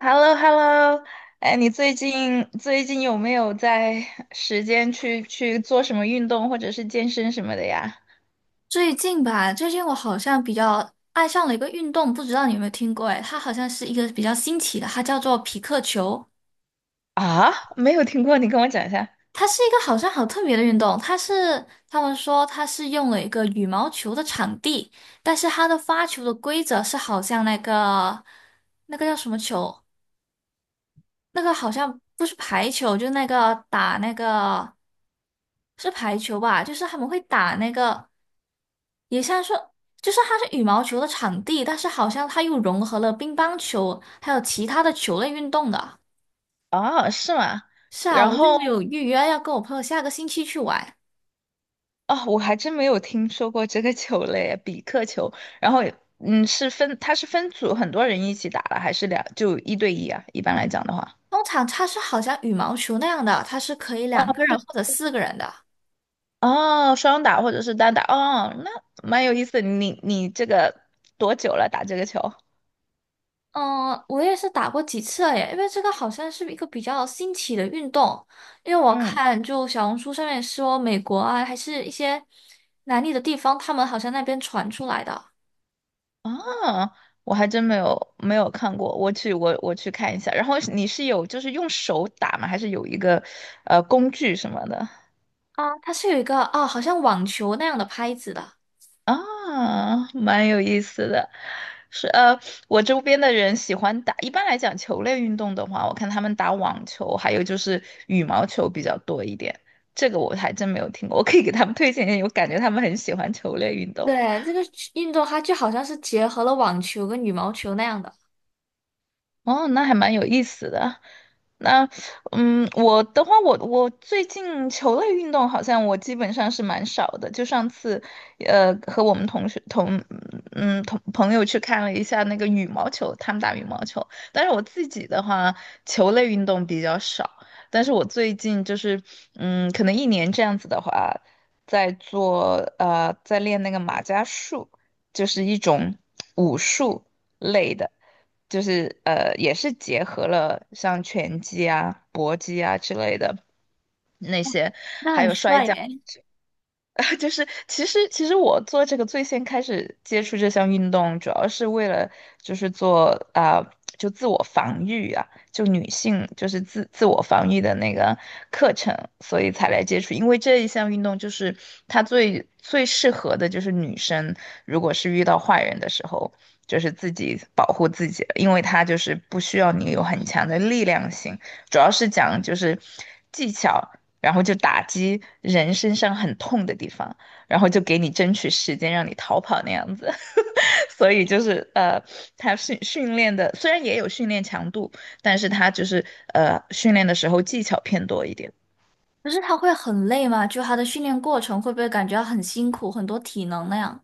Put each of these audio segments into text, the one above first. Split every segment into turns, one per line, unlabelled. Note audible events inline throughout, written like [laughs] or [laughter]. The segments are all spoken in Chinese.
h e l l o h e l l o 哎，你最近有没有在时间去做什么运动或者是健身什么的呀？
最近我好像比较爱上了一个运动，不知道你有没有听过？哎，它好像是一个比较新奇的，它叫做匹克球。
啊，没有听过，你跟我讲一下。
它是一个好像好特别的运动，他们说它是用了一个羽毛球的场地，但是它的发球的规则是好像那个叫什么球？那个好像不是排球，就那个打那个是排球吧？就是他们会打那个，也像是就是它是羽毛球的场地，但是好像它又融合了乒乓球还有其他的球类运动的。
哦，是吗？
是啊，
然
我就
后
有预约要跟我朋友下个星期去玩。
哦，我还真没有听说过这个球类，比克球。然后它是分组，很多人一起打了，还是两，就一对一啊？一般来讲的话。
通常它是好像羽毛球那样的，它是可以
哦，
两个
那就
人
是
或者四个人的。
哦，双打或者是单打，哦，那蛮有意思。你这个多久了打这个球？
嗯，我也是打过几次了耶，因为这个好像是一个比较新奇的运动，因为我
嗯。
看就小红书上面说美国啊，还是一些南美的地方，他们好像那边传出来的
啊，我还真没有看过，我去看一下。然后你是有就是用手打吗？还是有一个工具什么的？
啊，它是有一个啊，好像网球那样的拍子的，
啊，蛮有意思的。是。我周边的人喜欢打，一般来讲球类运动的话，我看他们打网球，还有就是羽毛球比较多一点。这个我还真没有听过，我可以给他们推荐一下，我感觉他们很喜欢球类运动。
对，这个运动它就好像是结合了网球跟羽毛球那样的，
哦，那还蛮有意思的。那，我的话，我最近球类运动好像我基本上是蛮少的。就上次，和我们同学同朋友去看了一下那个羽毛球，他们打羽毛球。但是我自己的话，球类运动比较少。但是我最近就是，可能一年这样子的话，在做，在练那个马伽术，就是一种武术类的。就是也是结合了像拳击啊、搏击啊之类的那些，
那
还
很
有摔
帅
跤。
耶。
[laughs] 啊，就是其实我做这个最先开始接触这项运动，主要是为了就是做啊、就自我防御啊，就女性就是自我防御的那个课程，所以才来接触。因为这一项运动就是它最最适合的就是女生，如果是遇到坏人的时候，就是自己保护自己了，因为它就是不需要你有很强的力量性，主要是讲就是技巧。然后就打击人身上很痛的地方，然后就给你争取时间让你逃跑那样子。[laughs] 所以就是他训练的虽然也有训练强度，但是他就是训练的时候技巧偏多一点。
可是它会很累吗？就它的训练过程会不会感觉到很辛苦，很多体能那样？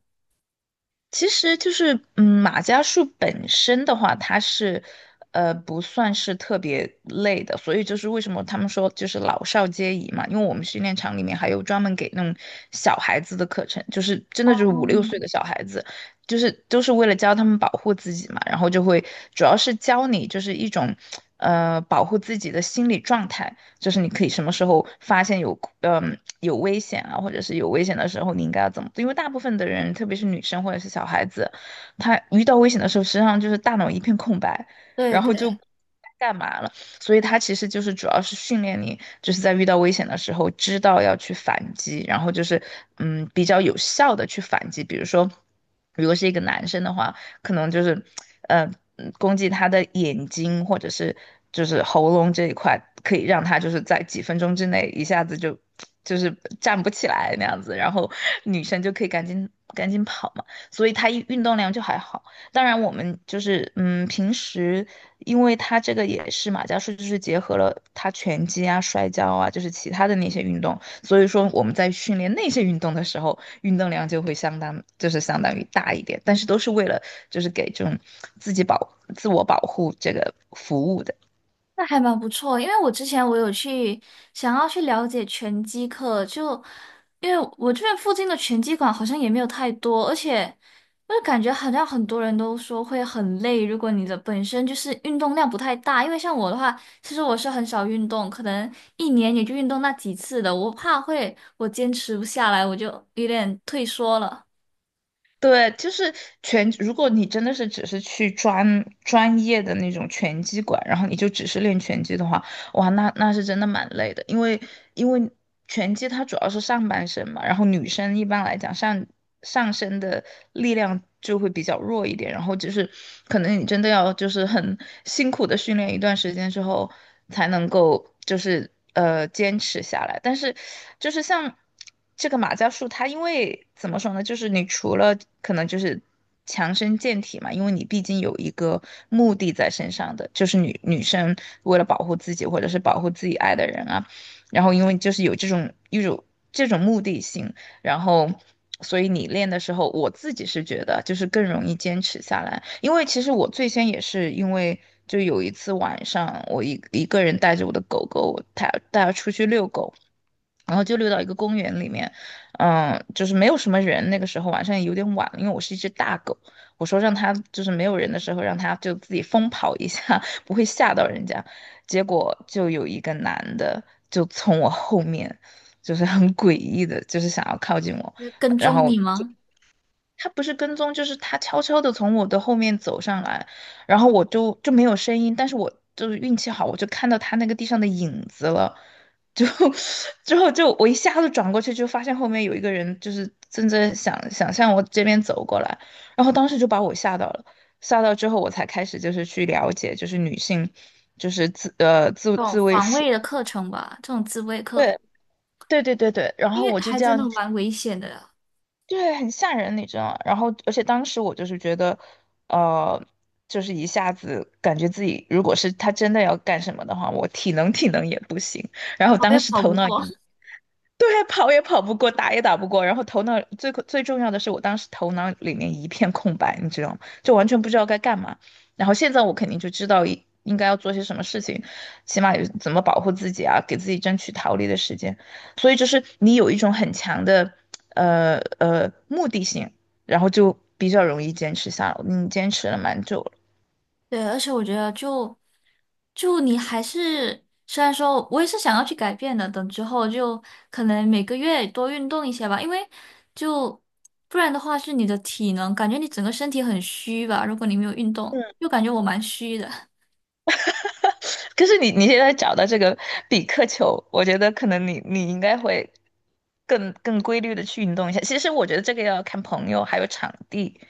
其实就是，马伽术本身的话，它是，不算是特别累的，所以就是为什么他们说就是老少皆宜嘛，因为我们训练场里面还有专门给那种小孩子的课程，就是真的
哦，
就是五六岁的小孩子，就是都是为了教他们保护自己嘛，然后就会主要是教你就是一种，保护自己的心理状态。就是你可以什么时候发现有危险啊，或者是有危险的时候，你应该要怎么做？因为大部分的人，特别是女生或者是小孩子，她遇到危险的时候，实际上就是大脑一片空白，
对
然后就。
对。
干嘛了？所以它其实就是主要是训练你，就是在遇到危险的时候，知道要去反击，然后就是比较有效的去反击。比如说，如果是一个男生的话，可能就是，呃，攻击他的眼睛或者是就是喉咙这一块，可以让他就是在几分钟之内一下子就是站不起来那样子，然后女生就可以赶紧赶紧跑嘛，所以他一运动量就还好。当然，我们就是平时因为它这个也是马伽术，就是结合了他拳击啊、摔跤啊，就是其他的那些运动，所以说我们在训练那些运动的时候，运动量就会相当，就是相当于大一点，但是都是为了就是给这种自我保护这个服务的。
那还蛮不错，因为我之前有去想要去了解拳击课，就因为我这边附近的拳击馆好像也没有太多，而且我就感觉好像很多人都说会很累，如果你的本身就是运动量不太大，因为像我的话，其实我是很少运动，可能一年也就运动那几次的，我怕会我坚持不下来，我就有点退缩了。
对，就是拳。如果你真的是只是去专业的那种拳击馆，然后你就只是练拳击的话，哇，那是真的蛮累的，因为拳击它主要是上半身嘛，然后女生一般来讲上身的力量就会比较弱一点，然后就是可能你真的要就是很辛苦的训练一段时间之后，才能够就是坚持下来。但是就是像这个马伽术它因为怎么说呢，就是你除了可能就是强身健体嘛，因为你毕竟有一个目的在身上的，就是女生为了保护自己或者是保护自己爱的人啊，然后因为就是有这种目的性，然后所以你练的时候，我自己是觉得就是更容易坚持下来，因为其实我最先也是因为。就有一次晚上，我一个人带着我的狗狗，我带它出去遛狗，然后就溜到一个公园里面，就是没有什么人。那个时候晚上也有点晚了，因为我是一只大狗，我说让它就是没有人的时候，让它就自己疯跑一下，[laughs] 不会吓到人家。结果就有一个男的就从我后面，就是很诡异的，就是想要靠近我，
就是跟
然
踪
后
你吗？
他不是跟踪，就是他悄悄的从我的后面走上来，然后我就没有声音，但是我就是运气好，我就看到他那个地上的影子了，就 [laughs] 之后就我一下子转过去，就发现后面有一个人，就是正在向我这边走过来，然后当时就把我吓到了，吓到之后我才开始就是去了解，就是女性就是自呃自
这种
自卫
防
术。
卫的课程吧，这种自卫课，
对对对对对，然
因
后
为
我就
还
这
真
样
的蛮危险的。
对，很吓人，你知道吗？然后，而且当时我就是觉得，呃，就是一下子感觉自己，如果是他真的要干什么的话，我体能也不行。然后
跑
当
也
时
跑
头
不
脑也，
过。
对，跑也跑不过，打也打不过，然后头脑最最重要的是，我当时头脑里面一片空白，你知道吗？就完全不知道该干嘛。然后现在我肯定就知道应该要做些什么事情，起码有怎么保护自己啊，给自己争取逃离的时间。所以就是你有一种很强的目的性，然后就比较容易坚持下来。你坚持了蛮久了。
对，而且我觉得就你还是，虽然说我也是想要去改变的，等之后就可能每个月多运动一些吧，因为就不然的话是你的体能，感觉你整个身体很虚吧，如果你没有运动，又感觉我蛮虚的。
可是你现在找到这个比克球，我觉得可能你应该会更规律的去运动一下。其实我觉得这个要看朋友还有场地，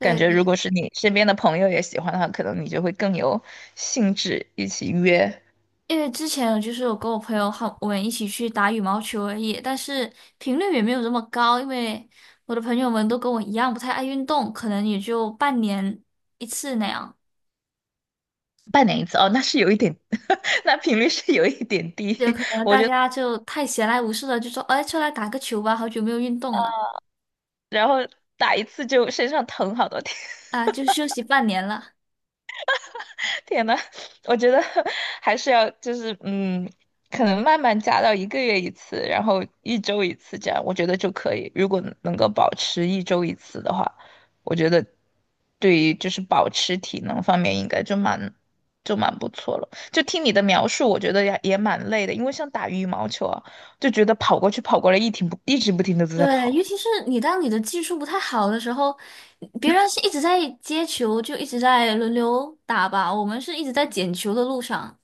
感觉如
对，
果是你身边的朋友也喜欢的话，可能你就会更有兴致一起约。
因为之前就是我跟我朋友好，我们一起去打羽毛球而已，但是频率也没有这么高，因为我的朋友们都跟我一样不太爱运动，可能也就半年一次那样。
半年一次哦，那是有一点，[laughs] 那频率是有一点
有
低，
可能大家就太闲来无事了，就说，哎，出来打个球吧，好久没有运动了
[laughs] 然后打一次就身上疼好多天。
啊，就休息半年了。
天呐，我觉得 [laughs] 还是要就是可能慢慢加到一个月一次，然后一周一次这样，我觉得就可以。如果能够保持一周一次的话，我觉得对于就是保持体能方面应该就蛮不错了。就听你的描述，我觉得也蛮累的，因为像打羽毛球啊，就觉得跑过去跑过来，一直不停的都在
对，尤
跑。
其是当你的技术不太好的时候，别人是一直在接球，就一直在轮流打吧，我们是一直在捡球的路上。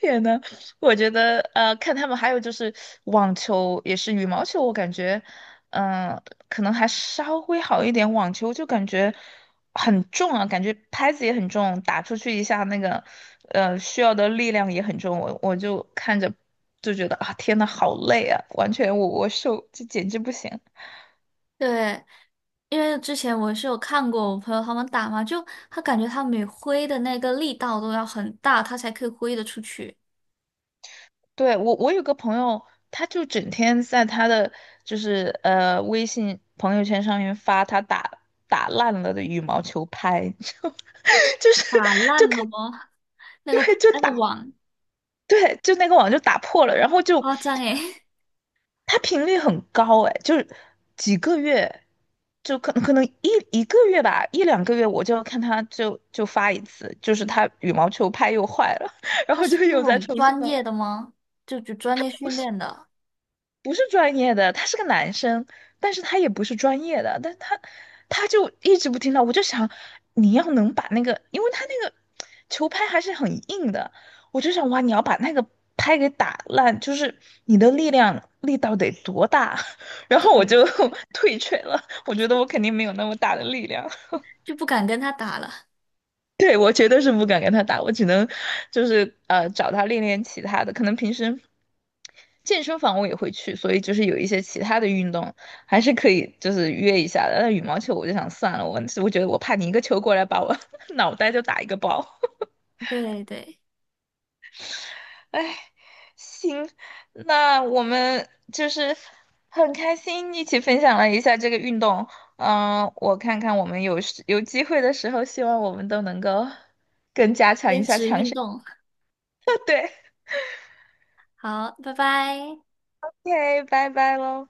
天呐，我觉得看他们还有就是网球，也是羽毛球，我感觉，嗯、可能还稍微好一点。网球就感觉很重啊，感觉拍子也很重，打出去一下那个，需要的力量也很重。我就看着就觉得啊，天呐，好累啊，完全我受，这简直不行。
对，因为之前我是有看过我朋友他们打嘛，就他感觉他每挥的那个力道都要很大，他才可以挥得出去，
对，我有个朋友，他就整天在他的就是微信朋友圈上面发他打烂了的羽毛球拍，[laughs] 就是
打
就
烂了
看，
吗？[laughs] 那
对，
个
就
那个
打，
网
对，就那个网就打破了，然后就
夸张诶。
他频率很高哎，就是几个月就可能一个月吧，一两个月我就要看他就发一次，就是他羽毛球拍又坏了，[laughs] 然
他
后就
是那
又在
种
重新
专
弄。
业的吗？就专业训练的，
不是专业的，他是个男生，但是他也不是专业的，但他就一直不听到，我就想你要能把那个，因为他那个球拍还是很硬的，我就想哇，你要把那个拍给打烂，就是你的力道得多大，[laughs] 然后我
对，
就 [laughs] 退却了，我觉得我肯定没有那么大的力量。
就不敢跟他打了。
[laughs] 对，我绝对是不敢跟他打，我只能就是找他练练其他的，可能平时健身房我也会去，所以就是有一些其他的运动还是可以就是约一下的。但羽毛球我就想算了，我觉得我怕你一个球过来把我 [laughs] 脑袋就打一个包。
[laughs] 对对，
[laughs] 哎，行，那我们就是很开心一起分享了一下这个运动。我看看我们有时有机会的时候，希望我们都能够更加强
坚
一下
持
强
运
身。
动，好，拜拜。
OK，拜拜喽。